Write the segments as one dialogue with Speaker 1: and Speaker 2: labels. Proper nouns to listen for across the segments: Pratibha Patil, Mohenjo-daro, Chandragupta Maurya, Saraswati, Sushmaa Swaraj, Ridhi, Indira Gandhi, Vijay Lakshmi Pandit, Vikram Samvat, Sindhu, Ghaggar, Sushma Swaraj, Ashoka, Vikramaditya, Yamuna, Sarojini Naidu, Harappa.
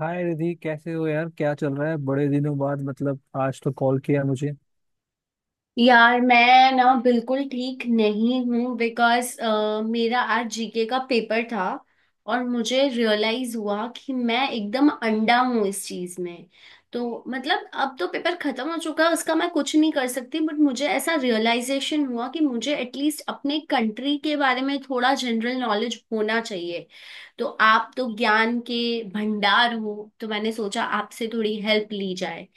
Speaker 1: हाय रिधि, कैसे हो यार? क्या चल रहा है? बड़े दिनों बाद मतलब आज तो कॉल किया मुझे।
Speaker 2: यार मैं ना बिल्कुल ठीक नहीं हूँ बिकॉज मेरा आज जीके का पेपर था। और मुझे रियलाइज हुआ कि मैं एकदम अंडा हूँ इस चीज में। तो मतलब अब तो पेपर खत्म हो चुका है उसका मैं कुछ नहीं कर सकती, बट मुझे ऐसा रियलाइजेशन हुआ कि मुझे एटलीस्ट अपने कंट्री के बारे में थोड़ा जनरल नॉलेज होना चाहिए। तो आप तो ज्ञान के भंडार हो, तो मैंने सोचा आपसे थोड़ी हेल्प ली जाए।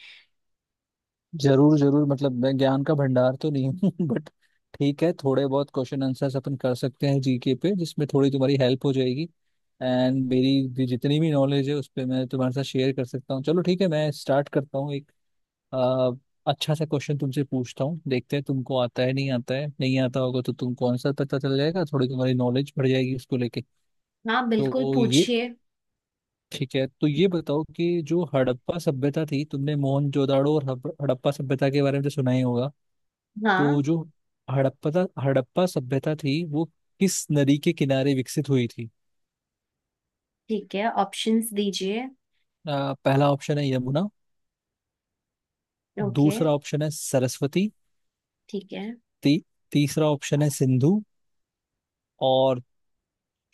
Speaker 1: जरूर जरूर, मतलब मैं ज्ञान का भंडार तो नहीं हूँ बट ठीक है, थोड़े बहुत क्वेश्चन आंसर्स अपन कर सकते हैं जीके पे, जिसमें थोड़ी तुम्हारी हेल्प हो जाएगी। एंड मेरी भी जितनी भी नॉलेज है उस पर मैं तुम्हारे साथ शेयर कर सकता हूँ। चलो ठीक है, मैं स्टार्ट करता हूँ एक आ, अच्छा सा क्वेश्चन तुमसे पूछता हूँ। देखते हैं तुमको आता है नहीं आता है, नहीं आता होगा तो तुमको आंसर पता चल जाएगा, थोड़ी तुम्हारी नॉलेज बढ़ जाएगी उसको लेके।
Speaker 2: हाँ बिल्कुल
Speaker 1: तो ये
Speaker 2: पूछिए।
Speaker 1: ठीक है, तो ये बताओ कि जो हड़प्पा सभ्यता थी, तुमने मोहनजोदाड़ो और हड़प्पा सभ्यता के बारे में तो सुना ही होगा। तो
Speaker 2: हाँ।
Speaker 1: जो हड़प्पा हड़प्पा सभ्यता थी, वो किस नदी के किनारे विकसित हुई थी?
Speaker 2: ठीक है, ऑप्शंस दीजिए।
Speaker 1: पहला ऑप्शन है यमुना।
Speaker 2: ओके।
Speaker 1: दूसरा ऑप्शन है सरस्वती।
Speaker 2: ठीक है।
Speaker 1: ती, तीसरा ऑप्शन है सिंधु। और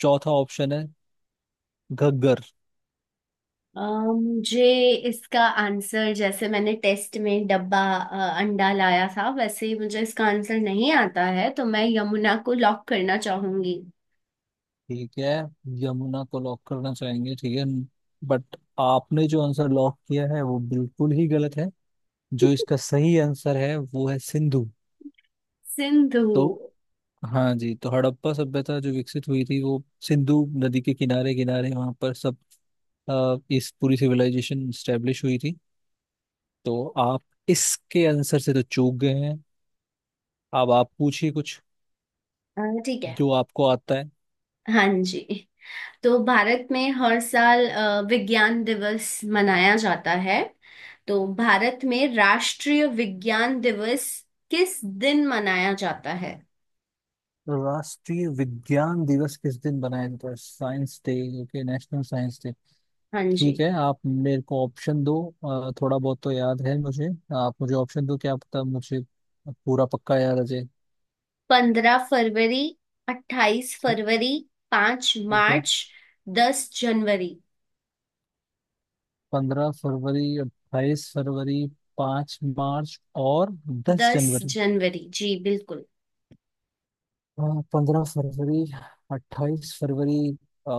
Speaker 1: चौथा ऑप्शन है घग्गर।
Speaker 2: अ, मुझे इसका आंसर, जैसे मैंने टेस्ट में डब्बा अंडा लाया था, वैसे ही मुझे इसका आंसर नहीं आता है, तो मैं यमुना को लॉक करना चाहूंगी।
Speaker 1: ठीक है, यमुना को लॉक करना चाहेंगे, ठीक है। बट आपने जो आंसर लॉक किया है वो बिल्कुल ही गलत है। जो इसका सही आंसर है वो है सिंधु।
Speaker 2: सिंधु।
Speaker 1: तो हाँ जी, तो हड़प्पा सभ्यता जो विकसित हुई थी वो सिंधु नदी के किनारे किनारे, वहाँ पर सब इस पूरी सिविलाइजेशन स्टेब्लिश हुई थी। तो आप इसके आंसर से तो चूक गए हैं। अब आप पूछिए कुछ
Speaker 2: ठीक है।
Speaker 1: जो आपको आता है।
Speaker 2: हाँ जी, तो भारत में हर साल विज्ञान दिवस मनाया जाता है। तो भारत में राष्ट्रीय विज्ञान दिवस किस दिन मनाया जाता है।
Speaker 1: राष्ट्रीय विज्ञान दिवस किस दिन मनाया जाता है? Science day. Okay, national science day.
Speaker 2: हाँ
Speaker 1: ठीक
Speaker 2: जी।
Speaker 1: है, आप मेरे को ऑप्शन दो। थोड़ा बहुत तो याद है मुझे। आप मुझे ऑप्शन दो, क्या पता मुझे पूरा पक्का याद आ जाए।
Speaker 2: 15 फरवरी, अट्ठाईस
Speaker 1: ठीक
Speaker 2: फरवरी पांच
Speaker 1: ठीक है
Speaker 2: मार्च 10 जनवरी।
Speaker 1: 15 फरवरी, 28 फरवरी, 5 मार्च और दस
Speaker 2: दस
Speaker 1: जनवरी
Speaker 2: जनवरी जी बिल्कुल।
Speaker 1: हाँ, 15 फरवरी, 28 फरवरी,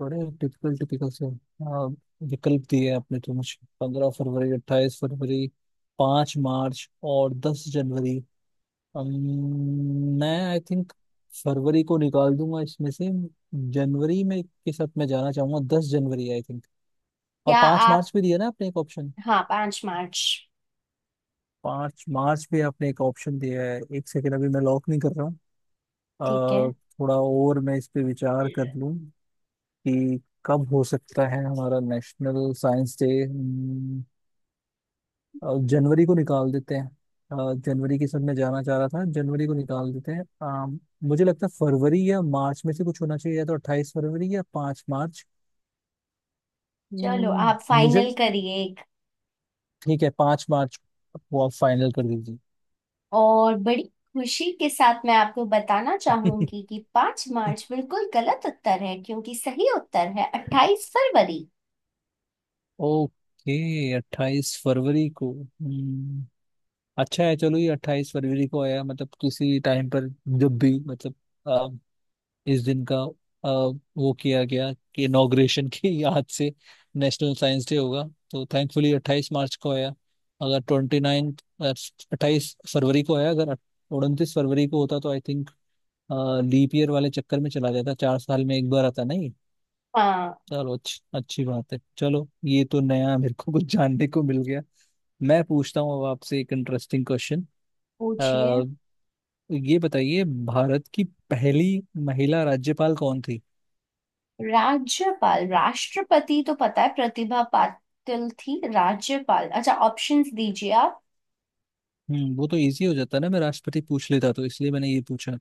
Speaker 1: बड़े टिपिकल टिपिकल से विकल्प दिए आपने। तो मुझे 15 फरवरी, 28 फरवरी, पाँच मार्च और दस जनवरी। अम, मैं आई थिंक फरवरी को निकाल दूंगा इसमें से। जनवरी में के साथ मैं जाना चाहूंगा, दस जनवरी आई थिंक। और
Speaker 2: क्या?
Speaker 1: पाँच
Speaker 2: आप?
Speaker 1: मार्च भी दिया ना आपने एक ऑप्शन।
Speaker 2: हाँ, 5 मार्च।
Speaker 1: 5 मार्च पे आपने एक ऑप्शन दिया है। एक सेकेंड, अभी मैं लॉक नहीं कर रहा हूँ।
Speaker 2: ठीक है।
Speaker 1: अ, थोड़ा और मैं इस पे विचार कर लूँ कि कब हो सकता है हमारा नेशनल साइंस डे। जनवरी को निकाल देते हैं। जनवरी के सब में जाना चाह रहा था, जनवरी को निकाल देते हैं। मुझे लगता है फरवरी या मार्च में से कुछ होना चाहिए, या तो 28 फरवरी या 5 मार्च।
Speaker 2: चलो आप
Speaker 1: मुझे
Speaker 2: फाइनल करिए एक।
Speaker 1: ठीक है, 5 मार्च को आप फाइनल कर दीजिए।
Speaker 2: और बड़ी खुशी के साथ मैं आपको बताना चाहूंगी कि पांच मार्च बिल्कुल गलत उत्तर है, क्योंकि सही उत्तर है 28 फरवरी।
Speaker 1: ओके, 28 फरवरी को। अच्छा है, चलो ये 28 फरवरी को आया, मतलब किसी टाइम पर जब भी, मतलब अ, इस दिन का, अ, वो किया गया कि इनॉग्रेशन की याद से नेशनल साइंस डे होगा। तो थैंकफुली 28 मार्च को आया, अगर 29th। अट्ठाईस फरवरी को आया, अगर 29 फरवरी को होता तो आई थिंक लीप ईयर वाले चक्कर में चला जाता, 4 साल में एक बार आता नहीं।
Speaker 2: हाँ,
Speaker 1: चलो, अच्छी अच्छी बात है। चलो ये तो नया मेरे को कुछ जानने को मिल गया। मैं पूछता हूँ अब आपसे एक इंटरेस्टिंग क्वेश्चन।
Speaker 2: पूछिए।
Speaker 1: ये बताइए, भारत की पहली महिला राज्यपाल कौन थी?
Speaker 2: राज्यपाल? राष्ट्रपति तो पता है, प्रतिभा पाटिल थी। राज्यपाल, अच्छा, ऑप्शंस दीजिए आप।
Speaker 1: वो तो इजी हो जाता ना, मैं राष्ट्रपति पूछ लेता तो, इसलिए मैंने ये पूछा।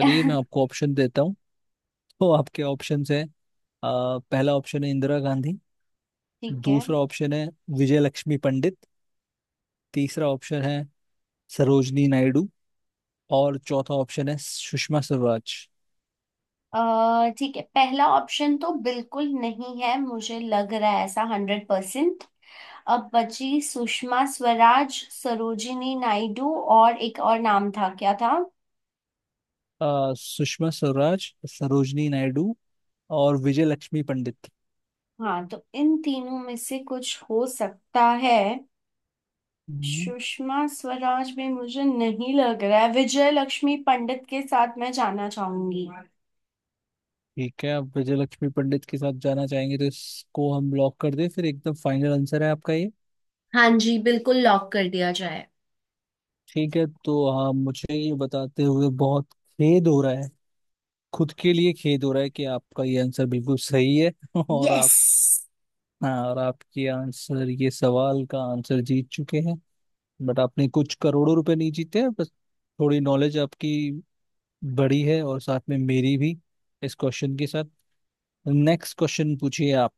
Speaker 1: मैं
Speaker 2: ठीक।
Speaker 1: आपको ऑप्शन देता हूँ। तो आपके ऑप्शंस हैं, पहला ऑप्शन है इंदिरा गांधी।
Speaker 2: है
Speaker 1: दूसरा ऑप्शन है विजय लक्ष्मी पंडित। तीसरा ऑप्शन है सरोजनी नायडू। और चौथा ऑप्शन है सुषमा स्वराज।
Speaker 2: अ, ठीक है, पहला ऑप्शन तो बिल्कुल नहीं है मुझे लग रहा है ऐसा, 100%। अब बची सुषमा स्वराज, सरोजिनी नायडू, और एक और नाम था, क्या था?
Speaker 1: सुषमा स्वराज, सरोजनी नायडू और विजय लक्ष्मी पंडित।
Speaker 2: हाँ, तो इन तीनों में से कुछ हो सकता है।
Speaker 1: हम्म।
Speaker 2: सुषमा स्वराज में मुझे नहीं लग रहा है, विजय लक्ष्मी पंडित के साथ मैं जाना चाहूंगी।
Speaker 1: ठीक है, आप विजय लक्ष्मी पंडित के साथ जाना चाहेंगे तो इसको हम लॉक कर दें, फिर एकदम फाइनल आंसर है आपका ये।
Speaker 2: हाँ जी बिल्कुल, लॉक कर दिया जाए।
Speaker 1: ठीक है। तो हाँ, मुझे ये बताते हुए बहुत खेद हो रहा है, खुद के लिए खेद हो रहा है कि आपका ये आंसर बिल्कुल सही है और
Speaker 2: यस।
Speaker 1: आप। हाँ, और आपके आंसर, ये सवाल का आंसर जीत चुके हैं। बट आपने कुछ करोड़ों रुपए नहीं जीते हैं, बस थोड़ी नॉलेज आपकी बड़ी है और साथ में मेरी भी, इस क्वेश्चन के साथ। नेक्स्ट क्वेश्चन पूछिए आप।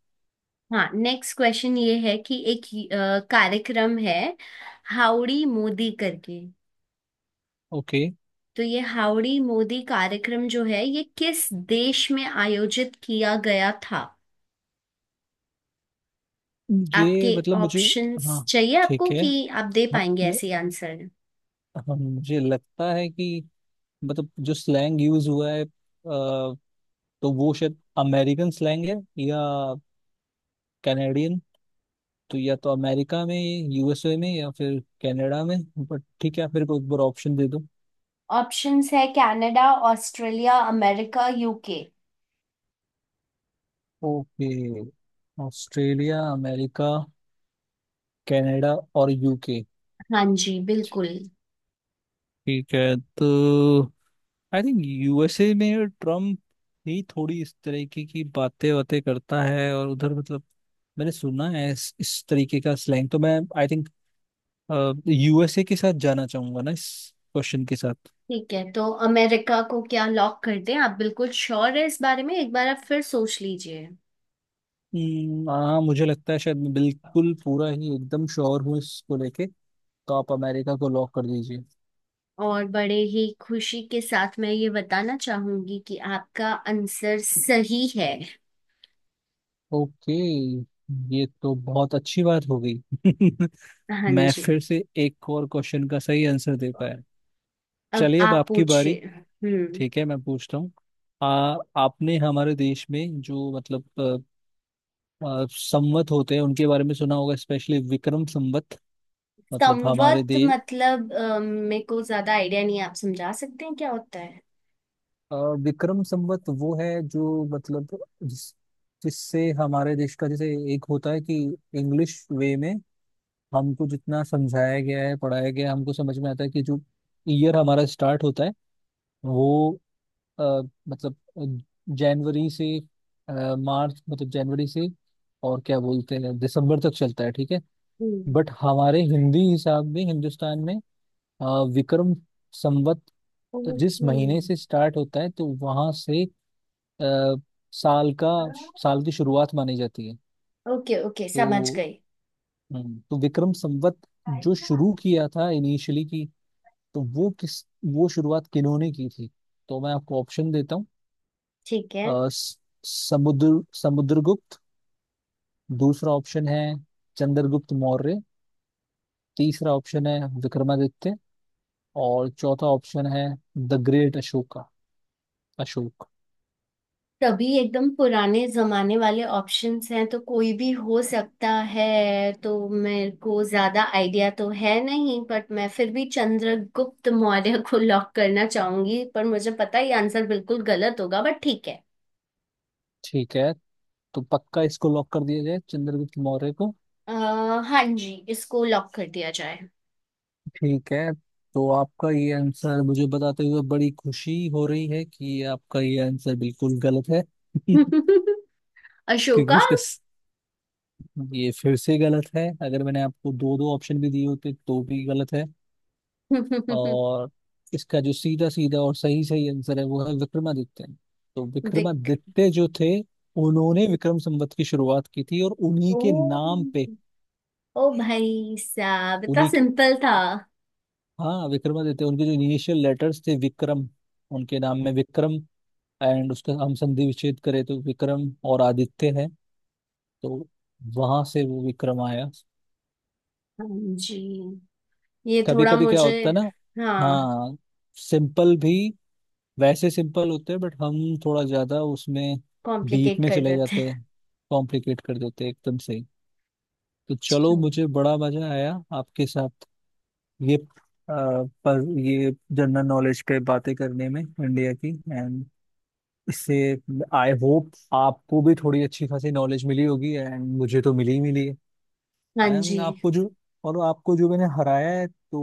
Speaker 2: हाँ, नेक्स्ट क्वेश्चन ये है कि एक कार्यक्रम है, हाउडी मोदी करके।
Speaker 1: ओके,
Speaker 2: तो ये हाउडी मोदी कार्यक्रम जो है, ये किस देश में आयोजित किया गया था?
Speaker 1: ये
Speaker 2: आपके
Speaker 1: मतलब मुझे।
Speaker 2: ऑप्शंस
Speaker 1: हाँ
Speaker 2: चाहिए
Speaker 1: ठीक
Speaker 2: आपको,
Speaker 1: है।
Speaker 2: कि आप दे
Speaker 1: हाँ,
Speaker 2: पाएंगे
Speaker 1: न,
Speaker 2: ऐसे आंसर?
Speaker 1: हाँ मुझे लगता है कि मतलब जो स्लैंग यूज हुआ है, तो वो शायद अमेरिकन स्लैंग है, या कैनेडियन। तो या तो अमेरिका में, यूएसए में, या फिर कनाडा में। बट ठीक है, आप मेरे को एक बार ऑप्शन दे दो।
Speaker 2: ऑप्शंस है Canada, Australia, America, UK.
Speaker 1: Okay, Australia, America, Canada और यूके।
Speaker 2: हाँ जी बिल्कुल।
Speaker 1: ठीक है, तो आई थिंक यूएसए में ट्रम्प ही थोड़ी इस तरीके की बातें बातें करता है, और उधर मतलब मैंने सुना है इस तरीके का स्लैंग। तो मैं आई थिंक यूएसए के साथ जाना चाहूंगा ना इस क्वेश्चन के साथ।
Speaker 2: ठीक है, तो अमेरिका को क्या लॉक कर दें? आप बिल्कुल श्योर है इस बारे में? एक बार आप फिर सोच लीजिए।
Speaker 1: हाँ मुझे लगता है शायद मैं बिल्कुल पूरा ही एकदम श्योर हूँ इसको लेके। तो आप अमेरिका को लॉक कर दीजिए।
Speaker 2: और बड़े ही खुशी के साथ मैं ये बताना चाहूंगी कि आपका आंसर सही है।
Speaker 1: ओके, ये तो बहुत अच्छी बात हो गई।
Speaker 2: हाँ
Speaker 1: मैं
Speaker 2: जी।
Speaker 1: फिर से एक और क्वेश्चन का सही आंसर दे पाया।
Speaker 2: अब
Speaker 1: चलिए अब
Speaker 2: आप
Speaker 1: आपकी बारी।
Speaker 2: पूछिए। हम्म।
Speaker 1: ठीक है मैं पूछता हूँ। आ आपने हमारे देश में जो मतलब संवत होते हैं उनके बारे में सुना होगा, स्पेशली विक्रम संवत, मतलब हमारे
Speaker 2: संवत
Speaker 1: देश।
Speaker 2: मतलब? मेरे को ज्यादा आइडिया नहीं है। आप समझा सकते हैं क्या होता है?
Speaker 1: विक्रम संवत वो है जो मतलब जिस, जिससे हमारे देश का, जैसे एक होता है कि इंग्लिश वे में हमको जितना समझाया गया है, पढ़ाया गया है, हमको समझ में आता है कि जो ईयर हमारा स्टार्ट होता है, वो अ, मतलब जनवरी से मार्च, मतलब जनवरी से और क्या बोलते हैं दिसंबर तक चलता है, ठीक है।
Speaker 2: हम्म।
Speaker 1: बट हमारे हिंदी हिसाब में, हिंदुस्तान में, अ, विक्रम संवत जिस
Speaker 2: ओके।
Speaker 1: महीने से स्टार्ट होता है, तो वहां से अ, साल का साल की शुरुआत मानी जाती है।
Speaker 2: ओके ओके समझ
Speaker 1: तो
Speaker 2: गई।
Speaker 1: तो विक्रम संवत जो शुरू किया था इनिशियली की, तो वो शुरुआत किन्होंने की थी? तो मैं आपको ऑप्शन देता हूँ।
Speaker 2: ठीक है,
Speaker 1: अ, स- समुद्र समुद्रगुप्त। दूसरा ऑप्शन है चंद्रगुप्त मौर्य। तीसरा ऑप्शन है विक्रमादित्य। और चौथा ऑप्शन है द ग्रेट अशोका, अशोक।
Speaker 2: तभी एकदम पुराने जमाने वाले ऑप्शंस हैं, तो कोई भी हो सकता है। तो मेरे को ज्यादा आइडिया तो है नहीं, बट मैं फिर भी चंद्रगुप्त मौर्य को लॉक करना चाहूंगी, पर मुझे पता है ये आंसर बिल्कुल गलत होगा, बट ठीक है।
Speaker 1: ठीक है, तो पक्का इसको लॉक कर दिया जाए, चंद्रगुप्त मौर्य को।
Speaker 2: आ, हाँ जी, इसको लॉक कर दिया जाए।
Speaker 1: ठीक है, तो आपका ये आंसर मुझे बताते हुए बड़ी खुशी हो रही है कि आपका ये आंसर बिल्कुल गलत है। क्योंकि
Speaker 2: अशोका।
Speaker 1: इसका ये फिर से गलत है। अगर मैंने आपको दो दो ऑप्शन भी दिए होते तो भी गलत है।
Speaker 2: बिक
Speaker 1: और इसका जो सीधा सीधा और सही सही आंसर है वो है विक्रमादित्य। तो विक्रमादित्य जो थे, उन्होंने विक्रम संवत की शुरुआत की थी, और उन्हीं
Speaker 2: ओ,
Speaker 1: के नाम पे,
Speaker 2: ओ भाई साहब, इतना
Speaker 1: उन्हीं के,
Speaker 2: सिंपल था।
Speaker 1: हाँ विक्रमादित्य, उनके जो इनिशियल लेटर्स थे, विक्रम। उनके नाम में विक्रम, एंड उसका हम संधि विच्छेद करें तो विक्रम और आदित्य है। तो वहां से वो विक्रम आया।
Speaker 2: हाँ जी, ये
Speaker 1: कभी
Speaker 2: थोड़ा
Speaker 1: कभी क्या
Speaker 2: मुझे।
Speaker 1: होता है ना,
Speaker 2: हाँ।
Speaker 1: हाँ, सिंपल भी वैसे सिंपल होते हैं, बट हम थोड़ा ज्यादा उसमें डीप
Speaker 2: कॉम्प्लिकेट
Speaker 1: में
Speaker 2: कर
Speaker 1: चले
Speaker 2: देते।
Speaker 1: जाते हैं, कॉम्प्लिकेट कर देते हैं एकदम से ही। तो
Speaker 2: अच्छा।
Speaker 1: चलो मुझे बड़ा मजा आया आपके साथ ये, पर ये जनरल नॉलेज पे बातें करने में, इंडिया की, एंड इससे आई होप आपको भी थोड़ी अच्छी खासी नॉलेज मिली होगी, एंड मुझे तो मिली ही मिली है।
Speaker 2: हाँ जी,
Speaker 1: एंड आपको जो और आपको जो मैंने हराया है, तो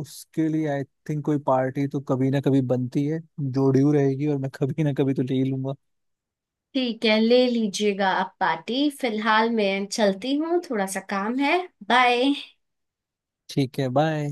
Speaker 1: उसके लिए आई थिंक कोई पार्टी तो कभी ना कभी बनती है, जो ड्यू रहेगी, और मैं कभी ना कभी तो ले ही लूंगा।
Speaker 2: ठीक है, ले लीजिएगा आप पार्टी, फिलहाल मैं चलती हूँ, थोड़ा सा काम है। बाय।
Speaker 1: ठीक है, बाय।